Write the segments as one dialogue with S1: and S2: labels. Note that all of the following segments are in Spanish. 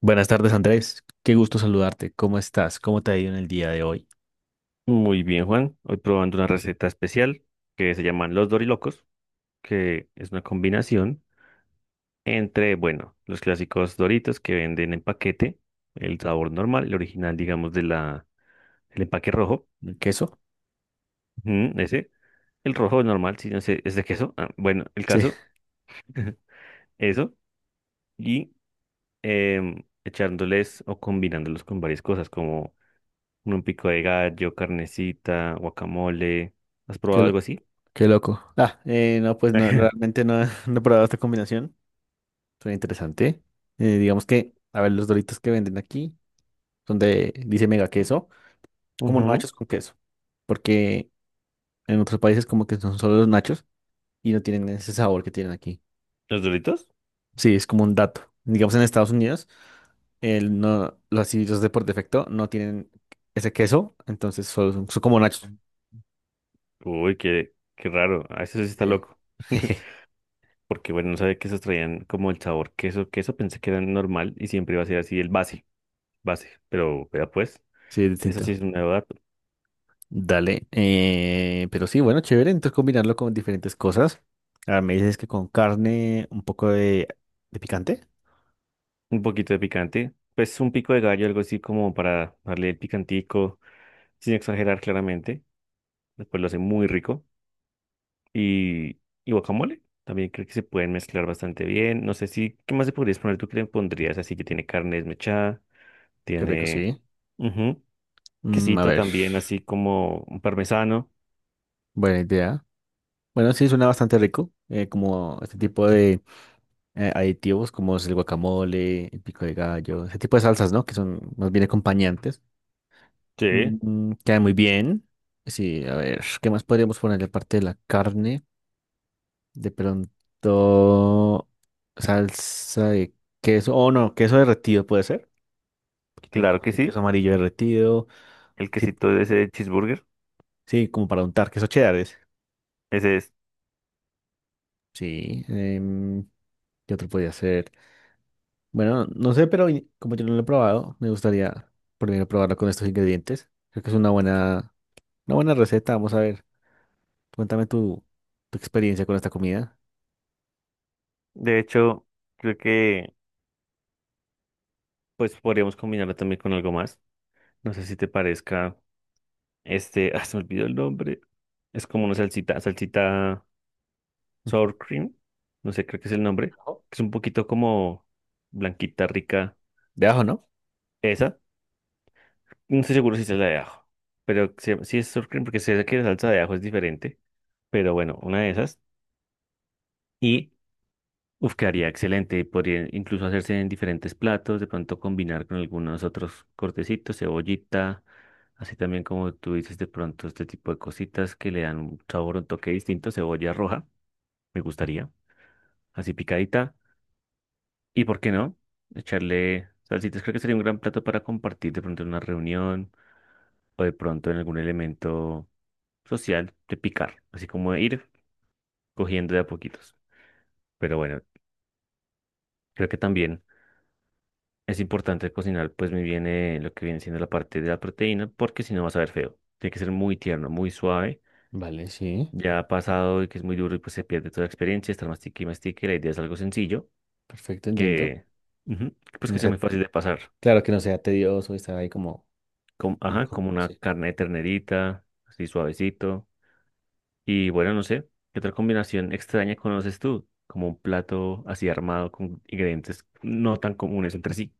S1: Buenas tardes, Andrés. Qué gusto saludarte. ¿Cómo estás? ¿Cómo te ha ido en el día de hoy?
S2: Muy bien, Juan. Hoy probando una receta especial que se llaman los Dorilocos, que es una combinación entre, bueno, los clásicos Doritos que venden en paquete, el sabor normal, el original, digamos, de la, el empaque rojo,
S1: ¿El queso?
S2: ujú, ese, el rojo normal, si no sé, es de queso. Ah, bueno, el
S1: Sí,
S2: caso, eso, y echándoles o combinándolos con varias cosas, como un pico de gallo, carnecita, guacamole. ¿Has
S1: qué,
S2: probado algo así?
S1: qué loco. No, pues no, realmente no, no he probado esta combinación. Suena interesante. Digamos que, a ver, los doritos que venden aquí, donde dice mega queso, como
S2: Ujú.
S1: nachos con queso, porque en otros países como que son solo los nachos y no tienen ese sabor que tienen aquí.
S2: ¿Los Doritos?
S1: Sí, es como un dato. Digamos, en Estados Unidos, el no, los así, de por defecto no tienen ese queso, entonces solo son, son como nachos.
S2: Uy, qué, qué raro. A eso sí está
S1: Sí,
S2: loco. Porque bueno, no sabía que esos traían como el sabor queso. Queso pensé que era normal y siempre iba a ser así el base, base. Pero vea pues,
S1: sí, es
S2: eso sí
S1: distinto.
S2: es un nuevo dato.
S1: Dale. Pero sí, bueno, chévere. Entonces combinarlo con diferentes cosas. Ahora me dices que con carne, un poco de picante.
S2: Un poquito de picante. Pues un pico de gallo, algo así como para darle el picantico, sin exagerar claramente. Después lo hace muy rico. Y, y guacamole. También creo que se pueden mezclar bastante bien. No sé si, ¿qué más le podrías poner? ¿Tú qué le pondrías? Así que tiene carne desmechada,
S1: Qué rico,
S2: tiene...
S1: sí.
S2: Ujú.
S1: Mm, a
S2: Quesito
S1: ver,
S2: también, así como un parmesano.
S1: buena idea. Bueno, sí, suena bastante rico. Como este tipo de aditivos como es el guacamole, el pico de gallo, ese tipo de salsas, ¿no? Que son más bien acompañantes.
S2: Sí,
S1: Mm, queda muy bien. Sí, a ver, ¿qué más podríamos ponerle aparte de la carne? De pronto, salsa de queso, oh no, queso derretido puede ser. Un poquito de
S2: claro
S1: como
S2: que
S1: ese queso
S2: sí.
S1: amarillo derretido.
S2: El
S1: Así,
S2: quesito de ese cheeseburger,
S1: sí, como para untar queso cheddar. Es.
S2: ese es.
S1: Sí, ¿qué otro podría ser? Bueno, no sé, pero como yo no lo he probado, me gustaría primero probarlo con estos ingredientes. Creo que es una buena receta. Vamos a ver, cuéntame tu, tu experiencia con esta comida.
S2: De hecho, creo que pues podríamos combinarlo también con algo más. No sé si te parezca este, ah, se me olvidó el nombre. Es como una salsita, salsita sour cream. No sé, creo que es el nombre.
S1: Ajo.
S2: Es un poquito como blanquita, rica.
S1: De ajo, ¿no?
S2: Esa. No estoy seguro si es la de ajo. Pero sí, sí es sour cream porque sé que la salsa de ajo es diferente. Pero bueno, una de esas. Y uf, quedaría excelente. Podría incluso hacerse en diferentes platos, de pronto combinar con algunos otros cortecitos, cebollita, así también como tú dices, de pronto este tipo de cositas que le dan un sabor, un toque distinto, cebolla roja, me gustaría, así picadita. ¿Y por qué no? Echarle salsitas, creo que sería un gran plato para compartir de pronto en una reunión o de pronto en algún elemento social de picar, así como ir cogiendo de a poquitos. Pero bueno, creo que también. Es importante cocinar pues muy bien lo que viene siendo la parte de la proteína porque si no va a saber feo. Tiene que ser muy tierno, muy suave.
S1: Vale, sí,
S2: Ya ha pasado y que es muy duro y pues se pierde toda la experiencia, estar mastique y mastique. La idea es algo sencillo
S1: perfecto, entiendo.
S2: que ujú, pues
S1: Que
S2: que
S1: no
S2: sea
S1: sea,
S2: muy fácil de pasar.
S1: claro que no sea tedioso y estar ahí como...
S2: Como, ajá,
S1: Ujú,
S2: como una
S1: sí.
S2: carne de ternerita, así suavecito. Y bueno, no sé, ¿qué otra combinación extraña conoces tú? Como un plato así armado con ingredientes no tan comunes entre sí.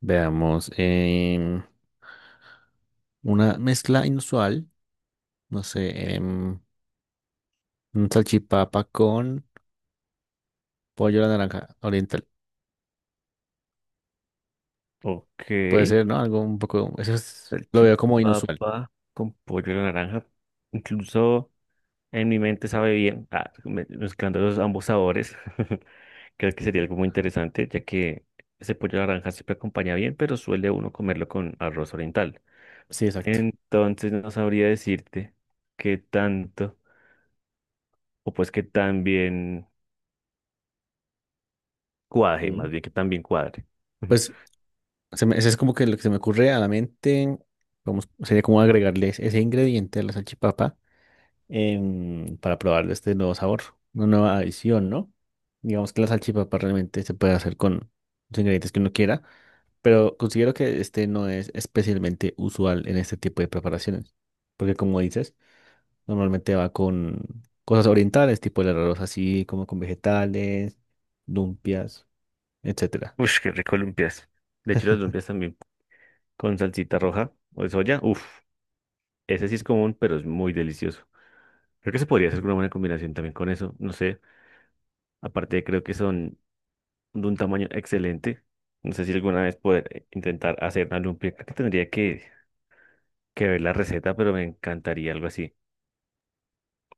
S1: Veamos, una mezcla inusual, no sé, un salchipapa con pollo a la naranja oriental.
S2: Ok.
S1: Puede ser, ¿no? Algo un poco, lo veo como inusual.
S2: Salchipapa con pollo a la naranja. Incluso en mi mente sabe bien, ah, mezclando los ambos sabores. Creo que sería algo muy interesante, ya que ese pollo a la naranja siempre acompaña bien, pero suele uno comerlo con arroz oriental.
S1: Sí, exacto.
S2: Entonces no sabría decirte qué tanto, o pues qué tan bien cuaje, más
S1: Sí.
S2: bien que tan bien cuadre.
S1: Pues eso es como que lo que se me ocurre a la mente, vamos, sería como agregarles ese ingrediente a la salchipapa para probar este nuevo sabor, una nueva adición, ¿no? Digamos que la salchipapa realmente se puede hacer con los ingredientes que uno quiera. Pero considero que este no es especialmente usual en este tipo de preparaciones, porque como dices, normalmente va con cosas orientales, tipo el arroz así, como con vegetales, lumpias, etcétera.
S2: Ush, qué rico lumpias. De hecho, las lumpias también con salsita roja o de soya. Uf, ese sí es común, pero es muy delicioso. Creo que se podría hacer una buena combinación también con eso, no sé. Aparte, creo que son de un tamaño excelente. No sé si alguna vez poder intentar hacer una lumpia. Creo que tendría que ver la receta, pero me encantaría algo así,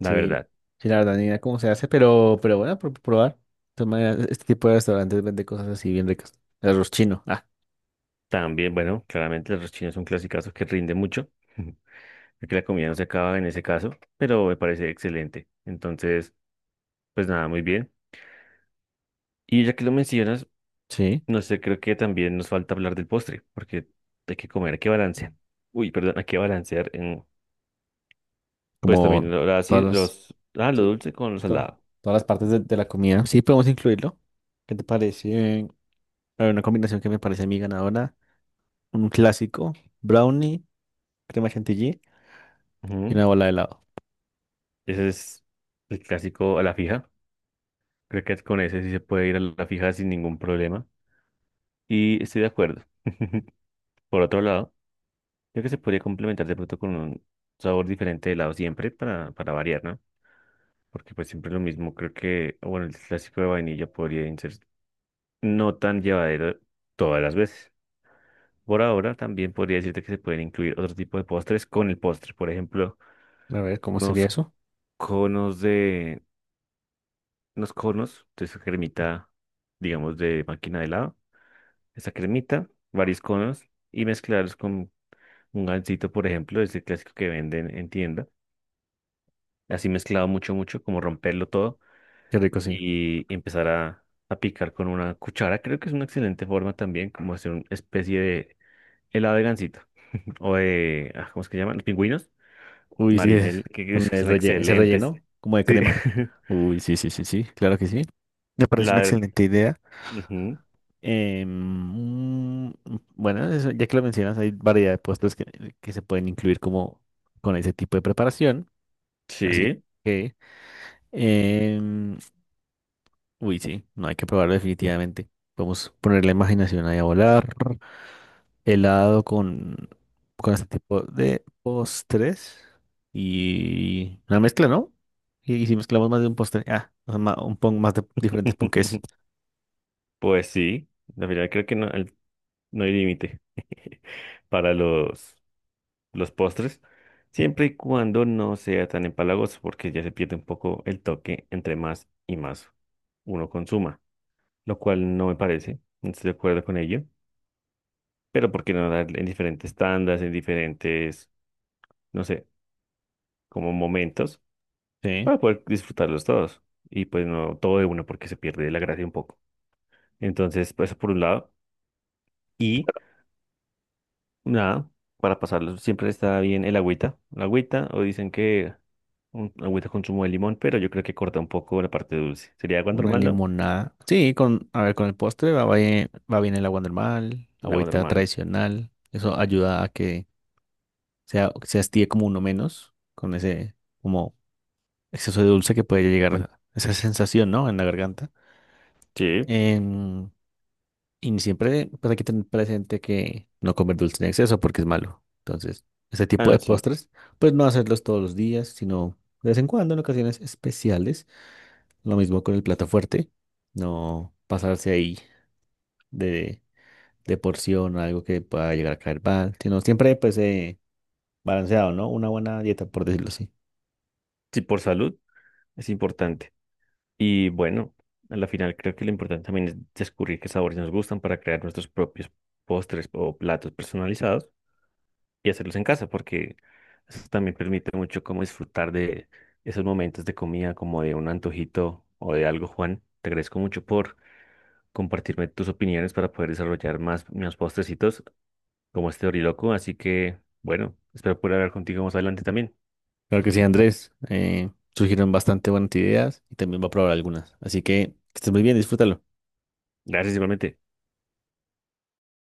S2: la
S1: Sí,
S2: verdad.
S1: sí, la verdad ni idea cómo se hace, pero bueno, por probar. De todas maneras, este tipo de restaurantes vende cosas así bien ricas. El arroz chino, ah,
S2: También, bueno, claramente los chinos son clásicos que rinde mucho. Creo que la comida no se acaba en ese caso, pero me parece excelente. Entonces, pues nada, muy bien. Y ya que lo mencionas,
S1: sí,
S2: no sé, creo que también nos falta hablar del postre, porque hay que comer, hay que balancear. Uy, perdón, hay que balancear en pues también
S1: como
S2: lo
S1: todas
S2: así,
S1: las,
S2: los, ah, lo
S1: sí,
S2: dulce con lo
S1: to-
S2: salado.
S1: todas las partes de la comida. Sí, podemos incluirlo. ¿Qué te parece? Hay una combinación que me parece a mí ganadora. Un clásico, brownie, crema chantilly y
S2: Ujú.
S1: una bola de helado.
S2: Ese es el clásico a la fija. Creo que con ese sí se puede ir a la fija sin ningún problema. Y estoy de acuerdo. Por otro lado, creo que se podría complementar de pronto con un sabor diferente de helado siempre para variar, ¿no? Porque pues siempre lo mismo. Creo que, bueno, el clásico de vainilla podría ser no tan llevadero todas las veces. Por ahora también podría decirte que se pueden incluir otro tipo de postres con el postre. Por ejemplo,
S1: A ver, ¿cómo sería
S2: unos
S1: eso?
S2: conos de, unos conos de esa cremita, digamos, de máquina de helado, esa cremita, varios conos y mezclarlos con un gansito, por ejemplo, ese clásico que venden en tienda, así mezclado mucho, mucho, como romperlo todo
S1: Qué rico, sí.
S2: y empezar a picar con una cuchara, creo que es una excelente forma también, como hacer una especie de helado de gansito o de, ah, ¿cómo es que llaman? Los pingüinos,
S1: Uy, sí,
S2: marinel, que
S1: con el
S2: son
S1: ese
S2: excelentes.
S1: relleno como de
S2: Sí,
S1: crema. Uy, sí, sí, sí, sí, claro que sí. Me parece una
S2: la,
S1: excelente idea.
S2: ujú.
S1: Em, mm, bueno, ya que lo mencionas, hay variedad de puestos que se pueden incluir como con ese tipo de preparación. Así
S2: Sí,
S1: que, em, uy, sí, no hay que probarlo definitivamente. Podemos poner la imaginación ahí a volar. Helado con este tipo de postres y una mezcla, ¿no? Y si mezclamos más de un postre, ah, o sea, un pon más de diferentes ponques.
S2: pues sí. La verdad creo que no, no hay límite para los postres, siempre y cuando no sea tan empalagoso, porque ya se pierde un poco el toque entre más y más uno consuma, lo cual no me parece, no estoy de acuerdo con ello, pero ¿por qué no dar en diferentes tandas, en diferentes, no sé, como momentos
S1: Sí,
S2: para poder disfrutarlos todos? Y pues no todo de uno porque se pierde la gracia un poco. Entonces, pues, eso por un lado. Y nada, para pasarlo siempre está bien el agüita. La agüita, o dicen que un, agüita con zumo de limón, pero yo creo que corta un poco la parte dulce. ¿Sería agua
S1: una
S2: normal, no?
S1: limonada. Sí, con, a ver, con el postre va bien el agua normal,
S2: Un agua
S1: agüita
S2: normal.
S1: tradicional. Eso ayuda a que sea, se hastíe como uno menos con ese como exceso de dulce que puede llegar esa sensación, ¿no? En la garganta.
S2: Sí.
S1: Em, Y siempre pues hay que tener presente que no comer dulce en exceso porque es malo. Entonces, ese
S2: Ah,
S1: tipo
S2: no,
S1: de
S2: sí.
S1: postres, pues no hacerlos todos los días, sino de vez en cuando, en ocasiones especiales. Lo mismo con el plato fuerte, no pasarse ahí de, de porción o algo que pueda llegar a caer mal, sino siempre pues balanceado, ¿no? Una buena dieta, por decirlo así.
S2: Sí, por salud es importante. Y bueno, a la final creo que lo importante también es descubrir qué sabores nos gustan para crear nuestros propios postres o platos personalizados y hacerlos en casa, porque eso también permite mucho como disfrutar de esos momentos de comida, como de un antojito o de algo, Juan. Te agradezco mucho por compartirme tus opiniones para poder desarrollar más mis postrecitos como este oriloco. Así que, bueno, espero poder hablar contigo más adelante también.
S1: Claro que sí, Andrés, surgieron bastante buenas ideas y también va a probar algunas. Así que estés muy bien, disfrútalo.
S2: Gracias igualmente.